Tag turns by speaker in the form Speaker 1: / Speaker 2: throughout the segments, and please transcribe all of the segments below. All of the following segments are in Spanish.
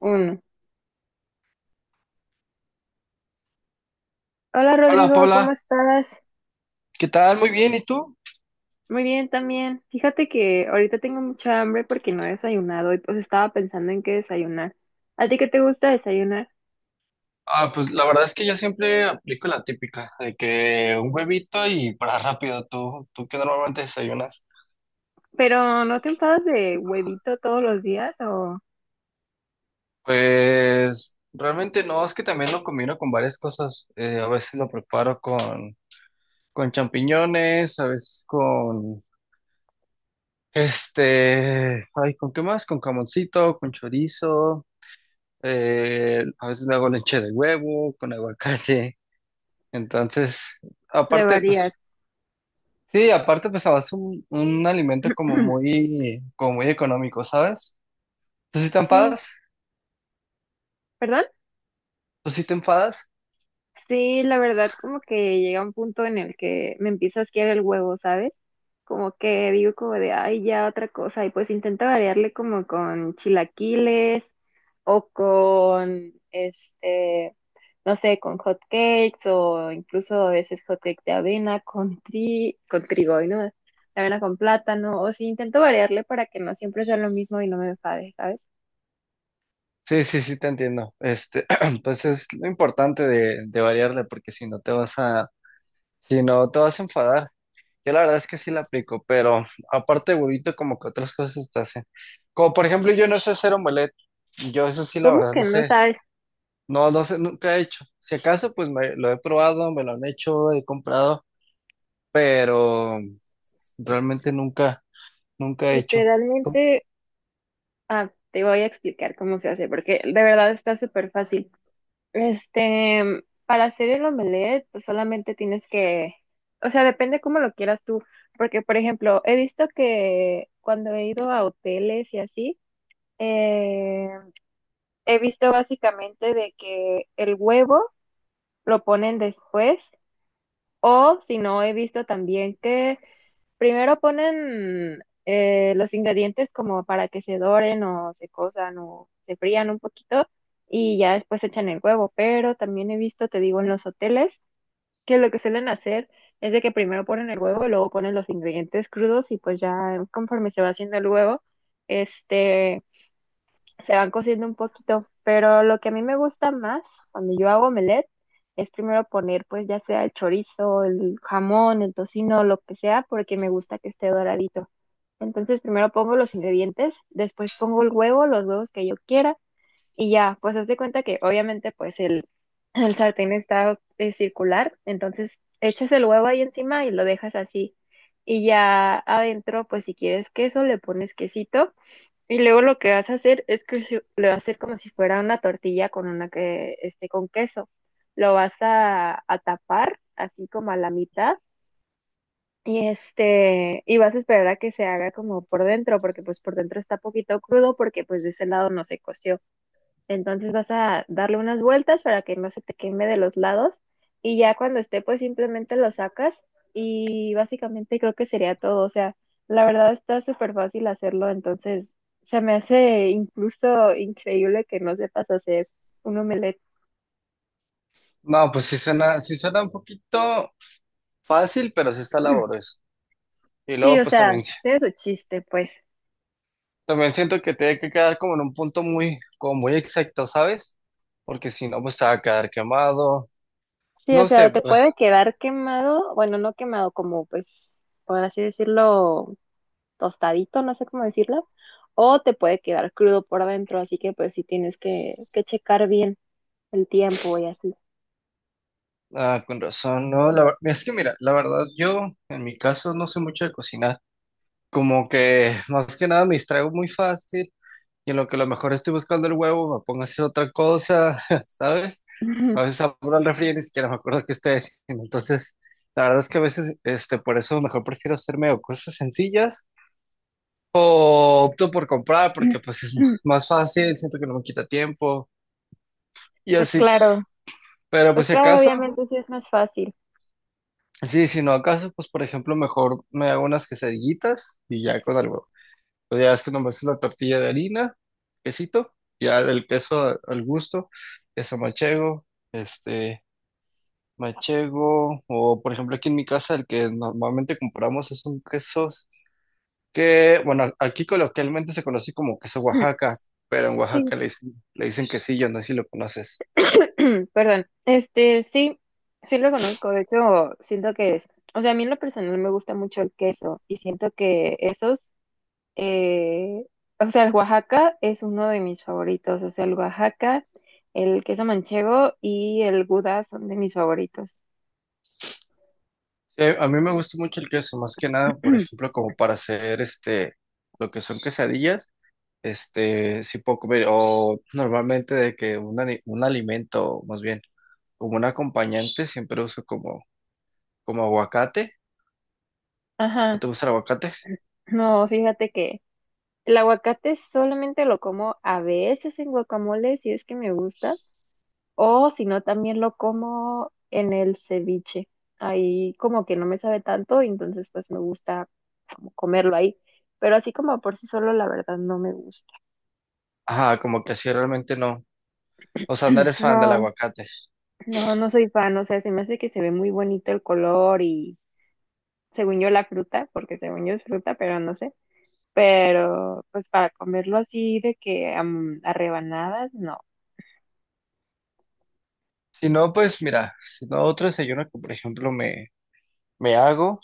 Speaker 1: Uno. Hola
Speaker 2: Hola
Speaker 1: Rodrigo, ¿cómo
Speaker 2: Paula,
Speaker 1: estás?
Speaker 2: ¿qué tal? Muy bien, ¿y tú?
Speaker 1: Muy bien también. Fíjate que ahorita tengo mucha hambre porque no he desayunado y pues estaba pensando en qué desayunar. ¿A ti qué te gusta desayunar?
Speaker 2: Pues la verdad es que yo siempre aplico la típica, de que un huevito y para rápido. ¿Tú, qué normalmente desayunas?
Speaker 1: Pero ¿no te enfadas de huevito todos los días o
Speaker 2: Pues realmente no, es que también lo combino con varias cosas. A veces lo preparo con champiñones, a veces con ¿con qué más? Con camoncito, con chorizo, a veces me hago leche de huevo, con aguacate. Entonces,
Speaker 1: le
Speaker 2: aparte,
Speaker 1: varías?
Speaker 2: pues... Sí, aparte pues es un alimento como muy económico, ¿sabes? ¿Tú sí te
Speaker 1: Sí,
Speaker 2: enfadas?
Speaker 1: ¿perdón?
Speaker 2: ¿Tú sí te enfadas?
Speaker 1: Sí, la verdad, como que llega un punto en el que me empieza a asquear el huevo, ¿sabes? Como que digo como de, ay, ya otra cosa. Y pues intento variarle como con chilaquiles o con no sé, con hot cakes o incluso a veces hot cake de avena con trigo, y ¿no? De avena con plátano. O sí, intento variarle para que no siempre sea lo mismo y no me enfade, ¿sabes?
Speaker 2: Sí, sí, sí te entiendo. Pues es lo importante de variarle, porque si no te vas a enfadar. Yo la verdad es que sí la aplico, pero aparte de huevito, como que otras cosas te hacen. Como por ejemplo, yo no sé hacer omelette. Yo eso sí, la
Speaker 1: ¿Cómo
Speaker 2: verdad,
Speaker 1: que
Speaker 2: no
Speaker 1: no
Speaker 2: sé.
Speaker 1: sabes?
Speaker 2: No, no sé, nunca he hecho. Si acaso, pues lo he probado, me lo han hecho, he comprado, pero realmente nunca he hecho.
Speaker 1: Literalmente, ah, te voy a explicar cómo se hace, porque de verdad está súper fácil. Para hacer el omelette, pues solamente tienes que, o sea, depende cómo lo quieras tú, porque por ejemplo, he visto que cuando he ido a hoteles y así, eh, he visto básicamente de que el huevo lo ponen después o si no, he visto también que primero ponen los ingredientes como para que se doren o se cosan o se frían un poquito y ya después echan el huevo. Pero también he visto, te digo, en los hoteles que lo que suelen hacer es de que primero ponen el huevo y luego ponen los ingredientes crudos y pues ya conforme se va haciendo el huevo, este se van cociendo un poquito, pero lo que a mí me gusta más cuando yo hago omelette es primero poner pues ya sea el chorizo, el jamón, el tocino, lo que sea, porque me gusta que esté doradito. Entonces primero pongo los ingredientes, después pongo el huevo, los huevos que yo quiera y ya, pues haz de cuenta que obviamente pues el sartén está circular, entonces echas el huevo ahí encima y lo dejas así. Y ya adentro, pues si quieres queso, le pones quesito y luego lo que vas a hacer es que se- lo vas a hacer como si fuera una tortilla con una que esté con queso. Lo vas a tapar así como a la mitad y vas a esperar a que se haga como por dentro porque pues por dentro está poquito crudo porque pues de ese lado no se coció. Entonces vas a darle unas vueltas para que no se te queme de los lados y ya cuando esté pues simplemente lo sacas y básicamente creo que sería todo. O sea, la verdad está súper fácil hacerlo, entonces se me hace incluso increíble que no sepas hacer un omelette.
Speaker 2: No, pues sí suena un poquito fácil, pero sí está laborioso. Y
Speaker 1: Sí,
Speaker 2: luego,
Speaker 1: o
Speaker 2: pues
Speaker 1: sea,
Speaker 2: también,
Speaker 1: tiene su chiste, pues.
Speaker 2: también siento que tiene que quedar como en un punto muy, como muy exacto, ¿sabes? Porque si no, pues te va a quedar quemado.
Speaker 1: Sí, o
Speaker 2: No sé,
Speaker 1: sea, te
Speaker 2: pero...
Speaker 1: puede quedar quemado, bueno, no quemado, como pues, por así decirlo, tostadito, no sé cómo decirlo, o te puede quedar crudo por adentro, así que pues sí tienes que checar bien el tiempo y así.
Speaker 2: con razón. No, la, ver- Es que mira, la verdad, yo en mi caso no sé mucho de cocinar. Como que más que nada me distraigo muy fácil. Y en lo que a lo mejor estoy buscando el huevo, me pongo a hacer otra cosa, ¿sabes? A veces abro el refri y ni siquiera me acuerdo que estoy haciendo. Entonces, la verdad es que a veces, por eso mejor prefiero hacerme o cosas sencillas o opto por comprar porque pues es más fácil, siento que no me quita tiempo y
Speaker 1: Pues
Speaker 2: así.
Speaker 1: claro,
Speaker 2: Pero
Speaker 1: pues
Speaker 2: pues si
Speaker 1: claro,
Speaker 2: acaso,
Speaker 1: obviamente sí es más fácil.
Speaker 2: sí, si no acaso, pues por ejemplo mejor me hago unas quesadillitas y ya con algo. Pues ya es que nomás es la tortilla de harina, quesito, ya del queso al gusto, queso machego, este, machego, o por ejemplo aquí en mi casa el que normalmente compramos es un queso que, bueno, aquí coloquialmente se conoce como queso Oaxaca, pero en
Speaker 1: Sí,
Speaker 2: Oaxaca le dicen quesillo, no sé si lo conoces.
Speaker 1: perdón. Sí, sí lo conozco. De hecho, siento que es, o sea, a mí en lo personal me gusta mucho el queso y siento que esos eh, o sea, el Oaxaca es uno de mis favoritos. O sea, el Oaxaca, el queso manchego y el Gouda son de mis favoritos.
Speaker 2: A mí me gusta mucho el queso, más que nada, por ejemplo, como para hacer lo que son quesadillas. Sí puedo comer, o normalmente de que un alimento, más bien, como un acompañante, siempre uso como aguacate. ¿No
Speaker 1: Ajá.
Speaker 2: te gusta el aguacate?
Speaker 1: No, fíjate que el aguacate solamente lo como a veces en guacamole, si es que me gusta, o si no, también lo como en el ceviche. Ahí como que no me sabe tanto, entonces pues me gusta como comerlo ahí. Pero así como por sí solo, la verdad no me gusta.
Speaker 2: Ajá, como que así realmente no. O sea, no eres fan del
Speaker 1: No.
Speaker 2: aguacate.
Speaker 1: No, no soy fan, o sea, se me hace que se ve muy bonito el color y según yo la fruta, porque según yo es fruta, pero no sé. Pero pues para comerlo así de que a rebanadas, no.
Speaker 2: Si no, pues mira, si no, otro desayuno que, por ejemplo, me hago,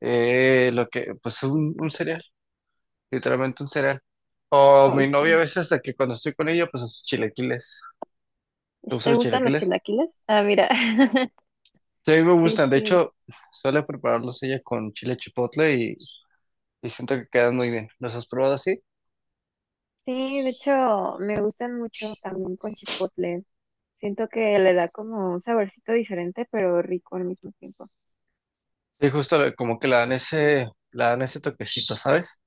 Speaker 2: pues un cereal, literalmente un cereal. O
Speaker 1: Ay,
Speaker 2: mi
Speaker 1: ¿sí
Speaker 2: novia a veces, de que cuando estoy con ella, pues hace chilaquiles. ¿Te gustan
Speaker 1: ¿te
Speaker 2: los
Speaker 1: gustan los
Speaker 2: chilaquiles?
Speaker 1: chilaquiles? Ah, mira.
Speaker 2: Sí, a mí me
Speaker 1: Sí,
Speaker 2: gustan. De
Speaker 1: sí.
Speaker 2: hecho, suele prepararlos ella con chile y siento que quedan muy bien. ¿Los has probado así?
Speaker 1: Sí, de hecho me gustan mucho también con chipotle. Siento que le da como un saborcito diferente, pero rico al mismo tiempo.
Speaker 2: Sí, como que le dan ese toquecito, ¿sabes?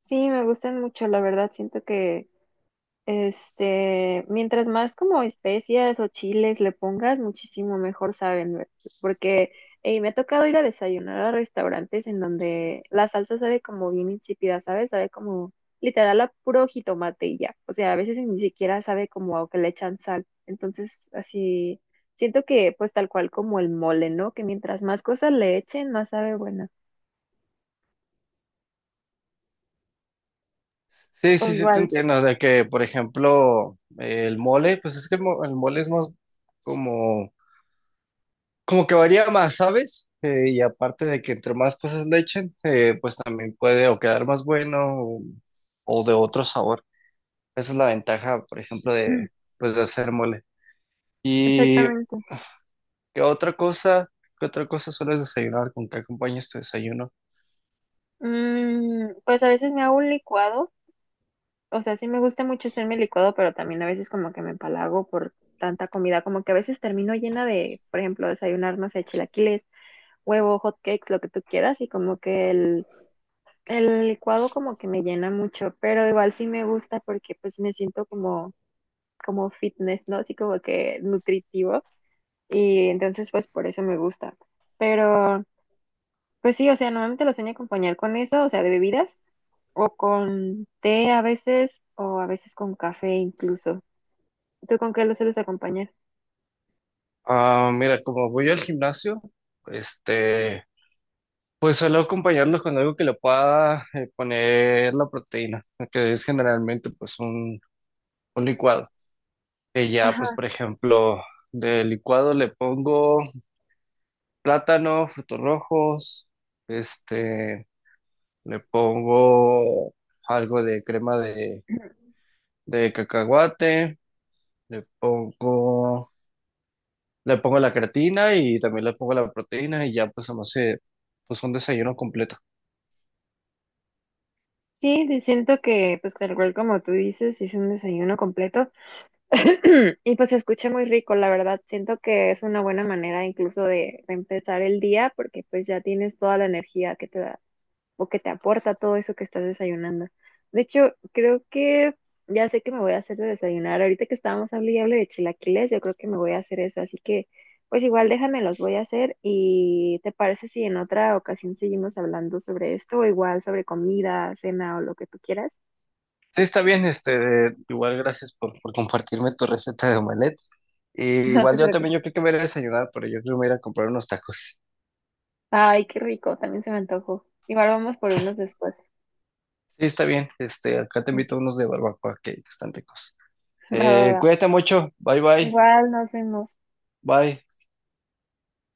Speaker 1: Sí, me gustan mucho, la verdad, siento que, mientras más como especias o chiles le pongas, muchísimo mejor saben, ¿ves? Porque ey, me ha tocado ir a desayunar a restaurantes en donde la salsa sabe como bien insípida, ¿sabes? Sabe como literal a puro jitomate y ya. O sea, a veces ni siquiera sabe como a que le echan sal. Entonces, así siento que pues tal cual como el mole, ¿no? Que mientras más cosas le echen, más sabe buena.
Speaker 2: Sí,
Speaker 1: O
Speaker 2: sí, sí, te
Speaker 1: igual.
Speaker 2: entiendo. De que, por ejemplo, el mole, pues es que el mole es más como, como que varía más, ¿sabes? Y aparte de que entre más cosas le echen, pues también puede o quedar más bueno o, o de otro sabor. Esa es la ventaja, por ejemplo, de, pues, de hacer mole. Y
Speaker 1: Exactamente.
Speaker 2: ¿qué otra cosa? ¿Qué otra cosa sueles desayunar? ¿Con qué acompañas tu desayuno?
Speaker 1: Mm, pues a veces me hago un licuado, o sea, sí me gusta mucho hacerme licuado, pero también a veces como que me empalago por tanta comida, como que a veces termino llena de, por ejemplo, desayunar, no sé, chilaquiles, huevo, hot cakes, lo que tú quieras, y como que el licuado como que me llena mucho, pero igual sí me gusta porque pues me siento como, como fitness, ¿no? Así como que nutritivo, y entonces pues por eso me gusta. Pero pues sí, o sea, normalmente lo sueño acompañar con eso, o sea, de bebidas, o con té a veces, o a veces con café incluso. ¿Tú con qué lo sueles acompañar?
Speaker 2: Ah, mira, como voy al gimnasio, este, pues suelo acompañarlo con algo que le pueda poner la proteína, que es generalmente pues un licuado. Que ya,
Speaker 1: Ajá.
Speaker 2: pues por ejemplo, de licuado le pongo plátano, frutos rojos, este, le pongo algo de crema de cacahuate, le pongo le pongo la creatina y también le pongo la proteína y ya pues se me hace pues un desayuno completo.
Speaker 1: Sí, sí, siento que, pues, tal cual como tú dices, es un desayuno completo. Y pues se escucha muy rico, la verdad. Siento que es una buena manera incluso de empezar el día porque pues ya tienes toda la energía que te da, o que te aporta todo eso que estás desayunando. De hecho, creo que ya sé que me voy a hacer de desayunar. Ahorita que estábamos hablando y hable de chilaquiles, yo creo que me voy a hacer eso. Así que, pues igual déjame, los voy a hacer. ¿Y te parece si en otra ocasión seguimos hablando sobre esto o igual sobre comida, cena o lo que tú quieras?
Speaker 2: Sí, está bien, igual gracias por compartirme tu receta de omelette. Y
Speaker 1: No
Speaker 2: igual
Speaker 1: te
Speaker 2: yo también,
Speaker 1: preocupes.
Speaker 2: yo creo que me voy a ir a desayunar, pero yo creo que me voy a ir a comprar unos tacos.
Speaker 1: Ay, qué rico, también se me antojó. Igual vamos por unos después.
Speaker 2: Sí, está bien, acá te invito a unos de barbacoa que están ricos.
Speaker 1: Va, va, va.
Speaker 2: Cuídate mucho, bye bye,
Speaker 1: Igual nos vemos.
Speaker 2: bye.